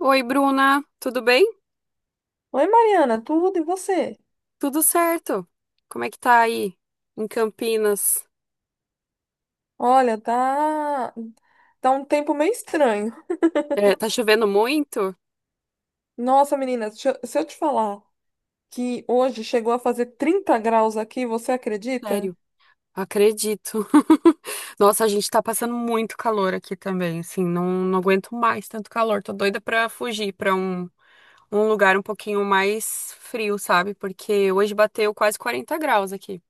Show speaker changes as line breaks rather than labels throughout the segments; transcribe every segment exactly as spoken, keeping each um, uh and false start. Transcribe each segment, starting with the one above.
Oi, Bruna, tudo bem?
Oi, Mariana, tudo e você?
Tudo certo. Como é que tá aí em Campinas?
Olha, tá tá um tempo meio estranho.
É, tá chovendo muito?
Nossa, menina, se eu se eu te falar que hoje chegou a fazer trinta graus aqui, você acredita?
Sério, acredito. Nossa, a gente tá passando muito calor aqui também, assim, não, não aguento mais tanto calor. Tô doida pra fugir pra um, um lugar um pouquinho mais frio, sabe? Porque hoje bateu quase 40 graus aqui.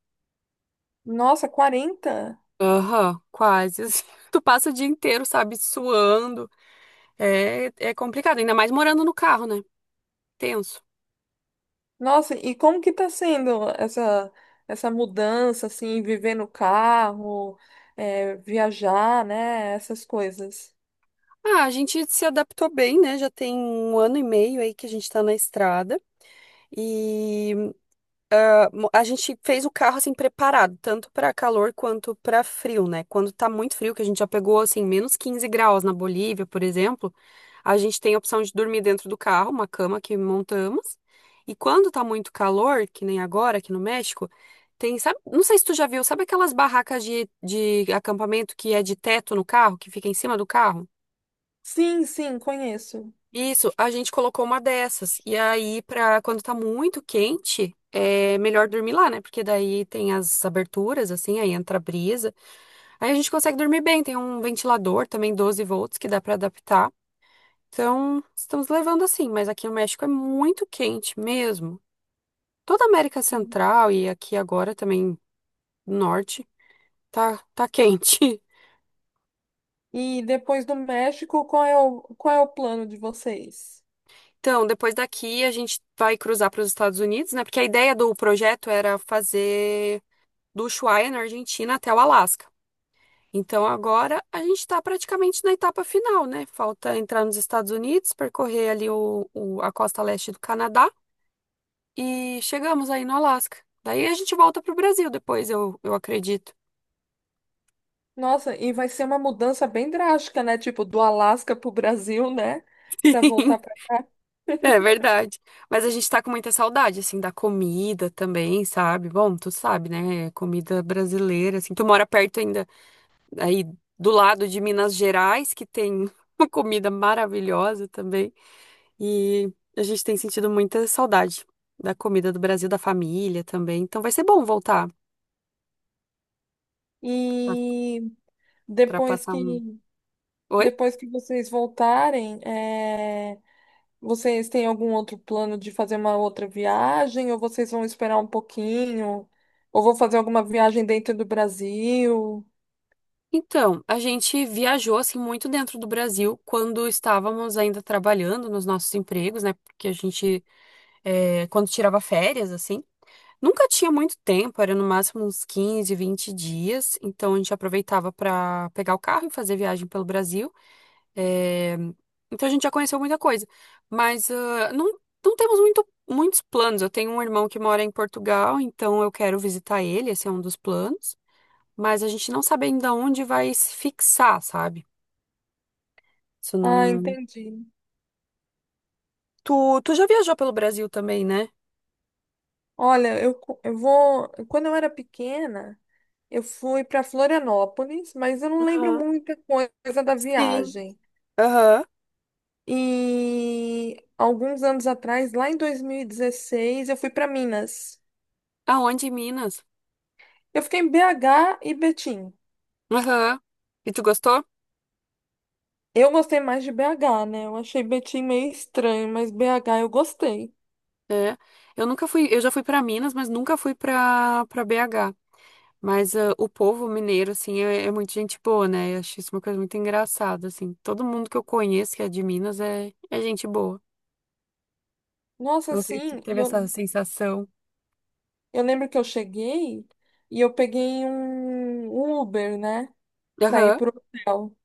Nossa, quarenta.
Aham, quase, assim. Tu passa o dia inteiro, sabe, suando. É, é complicado, ainda mais morando no carro, né? Tenso.
Nossa, e como que tá sendo essa essa mudança assim, viver no carro, é, viajar, né, essas coisas?
Ah, a gente se adaptou bem, né? Já tem um ano e meio aí que a gente tá na estrada. E ah, mo- a gente fez o carro assim preparado, tanto para calor quanto para frio, né? Quando tá muito frio, que a gente já pegou assim menos quinze graus na Bolívia, por exemplo, a gente tem a opção de dormir dentro do carro, uma cama que montamos. E quando tá muito calor, que nem agora aqui no México, tem, sabe, não sei se tu já viu, sabe aquelas barracas de, de acampamento que é de teto no carro, que fica em cima do carro?
Sim, sim, conheço.
Isso, a gente colocou uma dessas. E aí, pra quando tá muito quente, é melhor dormir lá, né? Porque daí tem as aberturas, assim, aí entra a brisa. Aí a gente consegue dormir bem. Tem um ventilador também, 12 volts, que dá pra adaptar. Então, estamos levando assim. Mas aqui no México é muito quente mesmo. Toda a América Central e aqui agora também Norte, tá, tá quente.
E depois do México, qual é o qual é o plano de vocês?
Então, depois daqui a gente vai cruzar para os Estados Unidos, né? Porque a ideia do projeto era fazer do Ushuaia, na Argentina, até o Alasca. Então agora a gente está praticamente na etapa final, né? Falta entrar nos Estados Unidos, percorrer ali o, o- a costa leste do Canadá e chegamos aí no Alasca. Daí a gente volta para o Brasil depois, eu, eu acredito.
Nossa, e vai ser uma mudança bem drástica, né? Tipo, do Alasca pro Brasil, né? Pra voltar pra cá.
É verdade. Mas a gente tá com muita saudade, assim, da comida também, sabe? Bom, tu sabe, né? Comida brasileira, assim. Tu mora perto ainda, aí do lado de Minas Gerais, que tem uma comida maravilhosa também. E a gente tem sentido muita saudade da comida do Brasil, da família também. Então vai ser bom voltar
E
para
depois
passar um.
que
Oi?
depois que vocês voltarem, é, vocês têm algum outro plano de fazer uma outra viagem? Ou vocês vão esperar um pouquinho? Ou vão fazer alguma viagem dentro do Brasil?
Então, a gente viajou assim muito dentro do Brasil quando estávamos ainda trabalhando nos nossos empregos, né? Porque a gente, é, quando tirava férias, assim, nunca tinha muito tempo, era no máximo uns quinze, vinte dias. Então a gente aproveitava para pegar o carro e fazer viagem pelo Brasil. É, então a gente já conheceu muita coisa, mas ah, não, não temos muito, muitos planos. Eu tenho um irmão que mora em Portugal, então eu quero visitar ele, esse é um dos planos, mas a gente não sabe ainda onde vai se fixar, sabe? Isso
Ah,
não.
entendi.
Tu, tu já viajou pelo Brasil também, né?
Olha, eu, co- eu vou. Quando eu era pequena. Eu fui para Florianópolis, mas eu não lembro
Aham.
muita coisa da
Sim.
viagem.
Aham.
E alguns anos atrás, lá em dois mil e dezesseis, eu fui para Minas.
Aonde? Em Minas?
Eu fiquei em B H e Betim.
Aham. E tu gostou?
Eu gostei mais de B H, né? Eu achei Betim meio estranho, mas B H eu gostei.
É. Eu nunca fui, eu já fui pra Minas, mas nunca fui pra para B H. Mas ah, o povo mineiro, assim, é, é muito gente boa, né? Eu acho isso uma coisa muito engraçada, assim. Todo mundo que eu conheço que é de Minas é, é gente boa.
Nossa,
Não sei se
assim, e
teve essa
eu,
sensação.
eu lembro que eu cheguei e eu peguei um Uber, né? Pra ir
Aham,
pro hotel.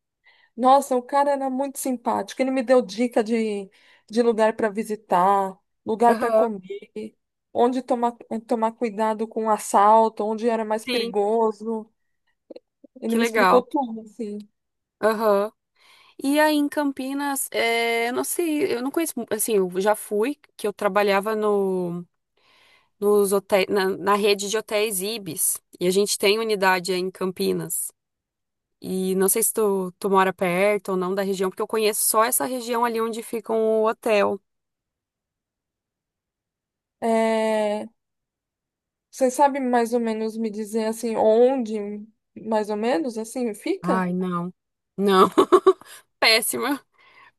Nossa, o cara era muito simpático. Ele me deu dica de, de lugar para visitar, lugar para
aham,
comer, onde tomar, tomar cuidado com o assalto, onde era mais
sim,
perigoso. Ele
que
me explicou
legal.
tudo, assim.
Aham. E aí em Campinas, é, eu não sei, eu não conheço, mu- assim, eu já fui, que eu trabalhava no, nos hotéis, na, na rede de hotéis Ibis. E a gente tem unidade aí em Campinas. E não sei se tu, tu mora perto ou não da região, porque eu conheço só essa região ali onde fica o hotel.
É, você sabe mais ou menos me dizer, assim, onde, mais ou menos, assim, fica?
Ai, não. Não. Péssima.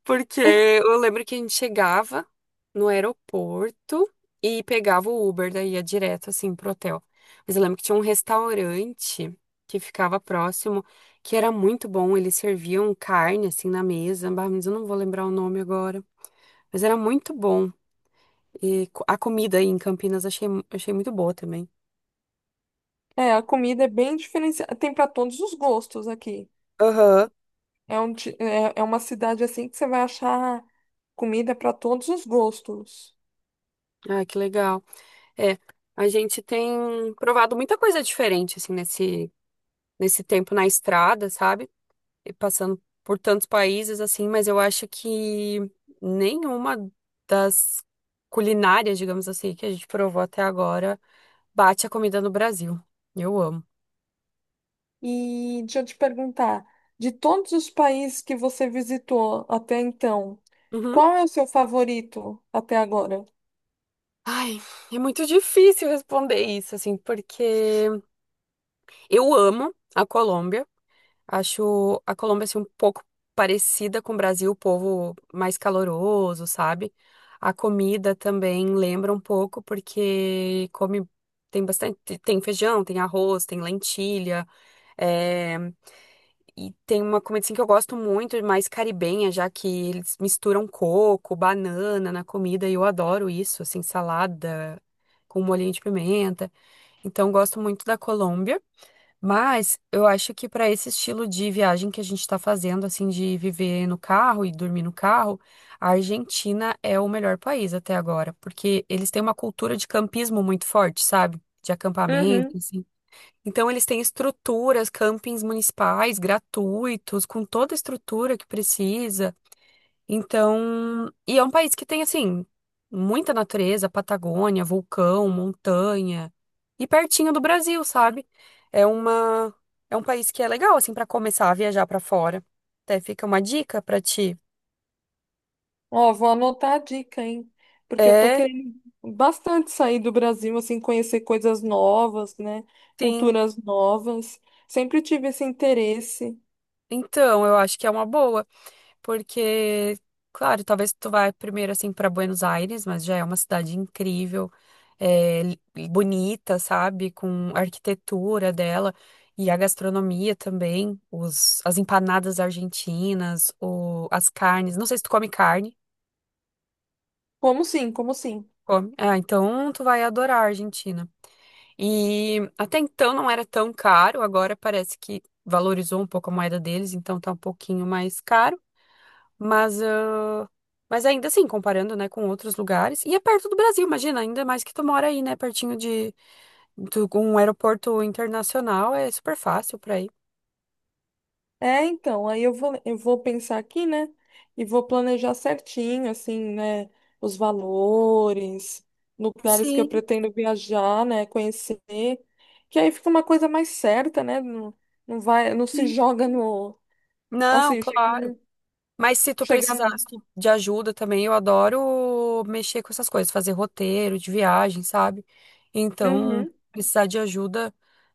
Porque eu lembro que a gente chegava no aeroporto e pegava o Uber, daí ia direto assim pro hotel. Mas eu lembro que tinha um restaurante que ficava próximo, que era muito bom. Eles serviam carne assim na mesa. Bah, mas eu não vou lembrar o nome agora. Mas era muito bom. E co- a comida aí em Campinas achei, achei muito boa também.
É, a comida é bem diferenciada. Tem para todos os gostos aqui.
Aham.
É, um, ti- é, é uma cidade, assim, que você vai achar comida para todos os gostos.
Ah, que legal. É, a gente tem provado muita coisa diferente, assim, nesse, nesse tempo na estrada, sabe? E passando por tantos países, assim, mas eu acho que nenhuma das culinárias, digamos assim, que a gente provou até agora bate a comida no Brasil. Eu amo.
E deixa eu te perguntar, de todos os países que você visitou até então,
Uhum.
qual é o seu favorito até agora?
Ai, é muito difícil responder isso, assim, porque eu amo a Colômbia. Acho a Colômbia assim, um pouco parecida com o Brasil, o povo mais caloroso, sabe? A comida também lembra um pouco, porque come, tem bastante, tem feijão, tem arroz, tem lentilha, é, e tem uma comida assim, que eu gosto muito, mais caribenha, já que eles misturam coco, banana na comida, e eu adoro isso, assim, salada com molhinho de pimenta. Então, gosto muito da Colômbia. Mas eu acho que para esse estilo de viagem que a gente está fazendo, assim, de viver no carro e dormir no carro, a Argentina é o melhor país até agora, porque eles têm uma cultura de campismo muito forte, sabe? De acampamento,
Uhum.
assim. Então eles têm estruturas, campings municipais gratuitos, com toda a estrutura que precisa. Então, e é um país que tem, assim, muita natureza, Patagônia, vulcão, montanha, e pertinho do Brasil, sabe? É uma, é um país que é legal, assim, para começar a viajar para fora. Até fica uma dica para ti.
Ó, vou anotar a dica, hein? Porque eu tô
É,
querendo bastante sair do Brasil, assim, conhecer coisas novas, né?
sim.
Culturas novas. Sempre tive esse interesse.
Então, eu acho que é uma boa. Porque, claro, talvez tu vá primeiro assim para Buenos Aires, mas já é uma cidade incrível, é, li- bonita, sabe? Com a arquitetura dela e a gastronomia também, os, as empanadas argentinas, o, as carnes. Não sei se tu come carne.
Como sim, como sim.
Come. Ah, então tu vai adorar a Argentina. E até então não era tão caro, agora parece que valorizou um pouco a moeda deles, então tá um pouquinho mais caro. Mas, ah, mas ainda assim, comparando, né, com outros lugares. E é perto do Brasil, imagina, ainda mais que tu mora aí, né, pertinho de, do- um aeroporto internacional, é super fácil pra ir.
É, então, aí eu vou, eu vou pensar aqui, né? E vou planejar certinho, assim, né? Os valores, lugares que eu
Sim,
pretendo viajar, né? Conhecer. Que aí fica uma coisa mais certa, né? Não, não vai, não se
sim.
joga no.
Não,
Assim, chegar.
claro. Mas se tu
chegar no-
precisasse de ajuda também, eu adoro mexer com essas coisas, fazer roteiro de viagem, sabe? Então,
Uhum.
precisar de ajuda,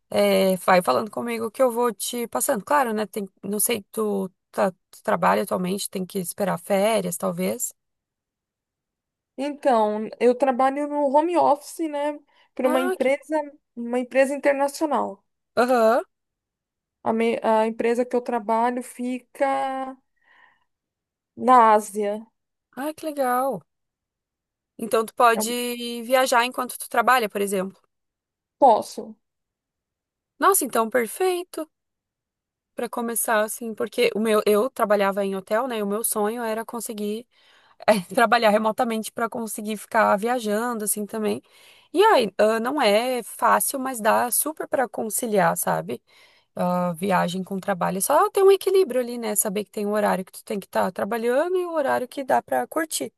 é, vai falando comigo que eu vou te passando. Claro, né? Tem, não sei, tu, tá, tu trabalha atualmente, tem que esperar férias, talvez.
Então, eu trabalho no home office, né? Para uma
Ah, que...
empresa, uma empresa internacional.
Aham.
A, me- a empresa que eu trabalho fica na Ásia.
Ah, que legal. Então tu
Eu
pode viajar enquanto tu trabalha, por exemplo.
posso.
Nossa, então perfeito para começar assim, porque o meu eu trabalhava em hotel, né? E o meu sonho era conseguir eh, trabalhar remotamente para conseguir ficar viajando assim também. E aí, ah, não é fácil, mas dá super para conciliar, sabe? Ah, viagem com trabalho. É só ter um equilíbrio ali, né? Saber que tem um horário que tu tem que estar trabalhando e o horário que dá para curtir.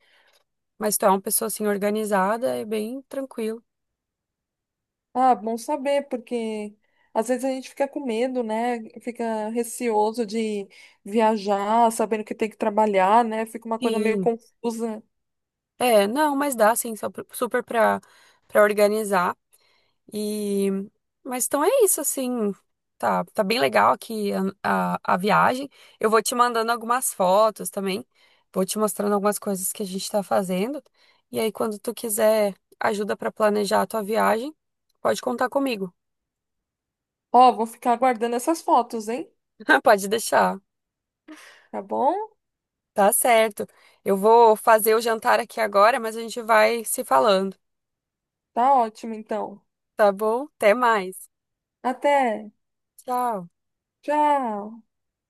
Mas tu é uma pessoa assim organizada, é bem tranquilo.
Ah, bom saber, porque às vezes a gente fica com medo, né? Fica receoso de viajar, sabendo que tem que trabalhar, né? Fica uma coisa meio
Sim.
confusa.
É, não, mas dá sim, só pro- super pra, pra organizar. E mas então é isso assim. Tá, tá bem legal aqui a, a, a viagem. Eu vou te mandando algumas fotos também. Vou te mostrando algumas coisas que a gente tá fazendo. E aí, quando tu quiser ajuda pra planejar a tua viagem, pode contar comigo.
Ó, vou ficar aguardando essas fotos, hein?
Pode deixar.
Tá bom?
Tá certo. Eu vou fazer o jantar aqui agora, mas a gente vai se falando.
Tá ótimo, então.
Tá bom? Até mais.
Até.
Tchau.
Tchau.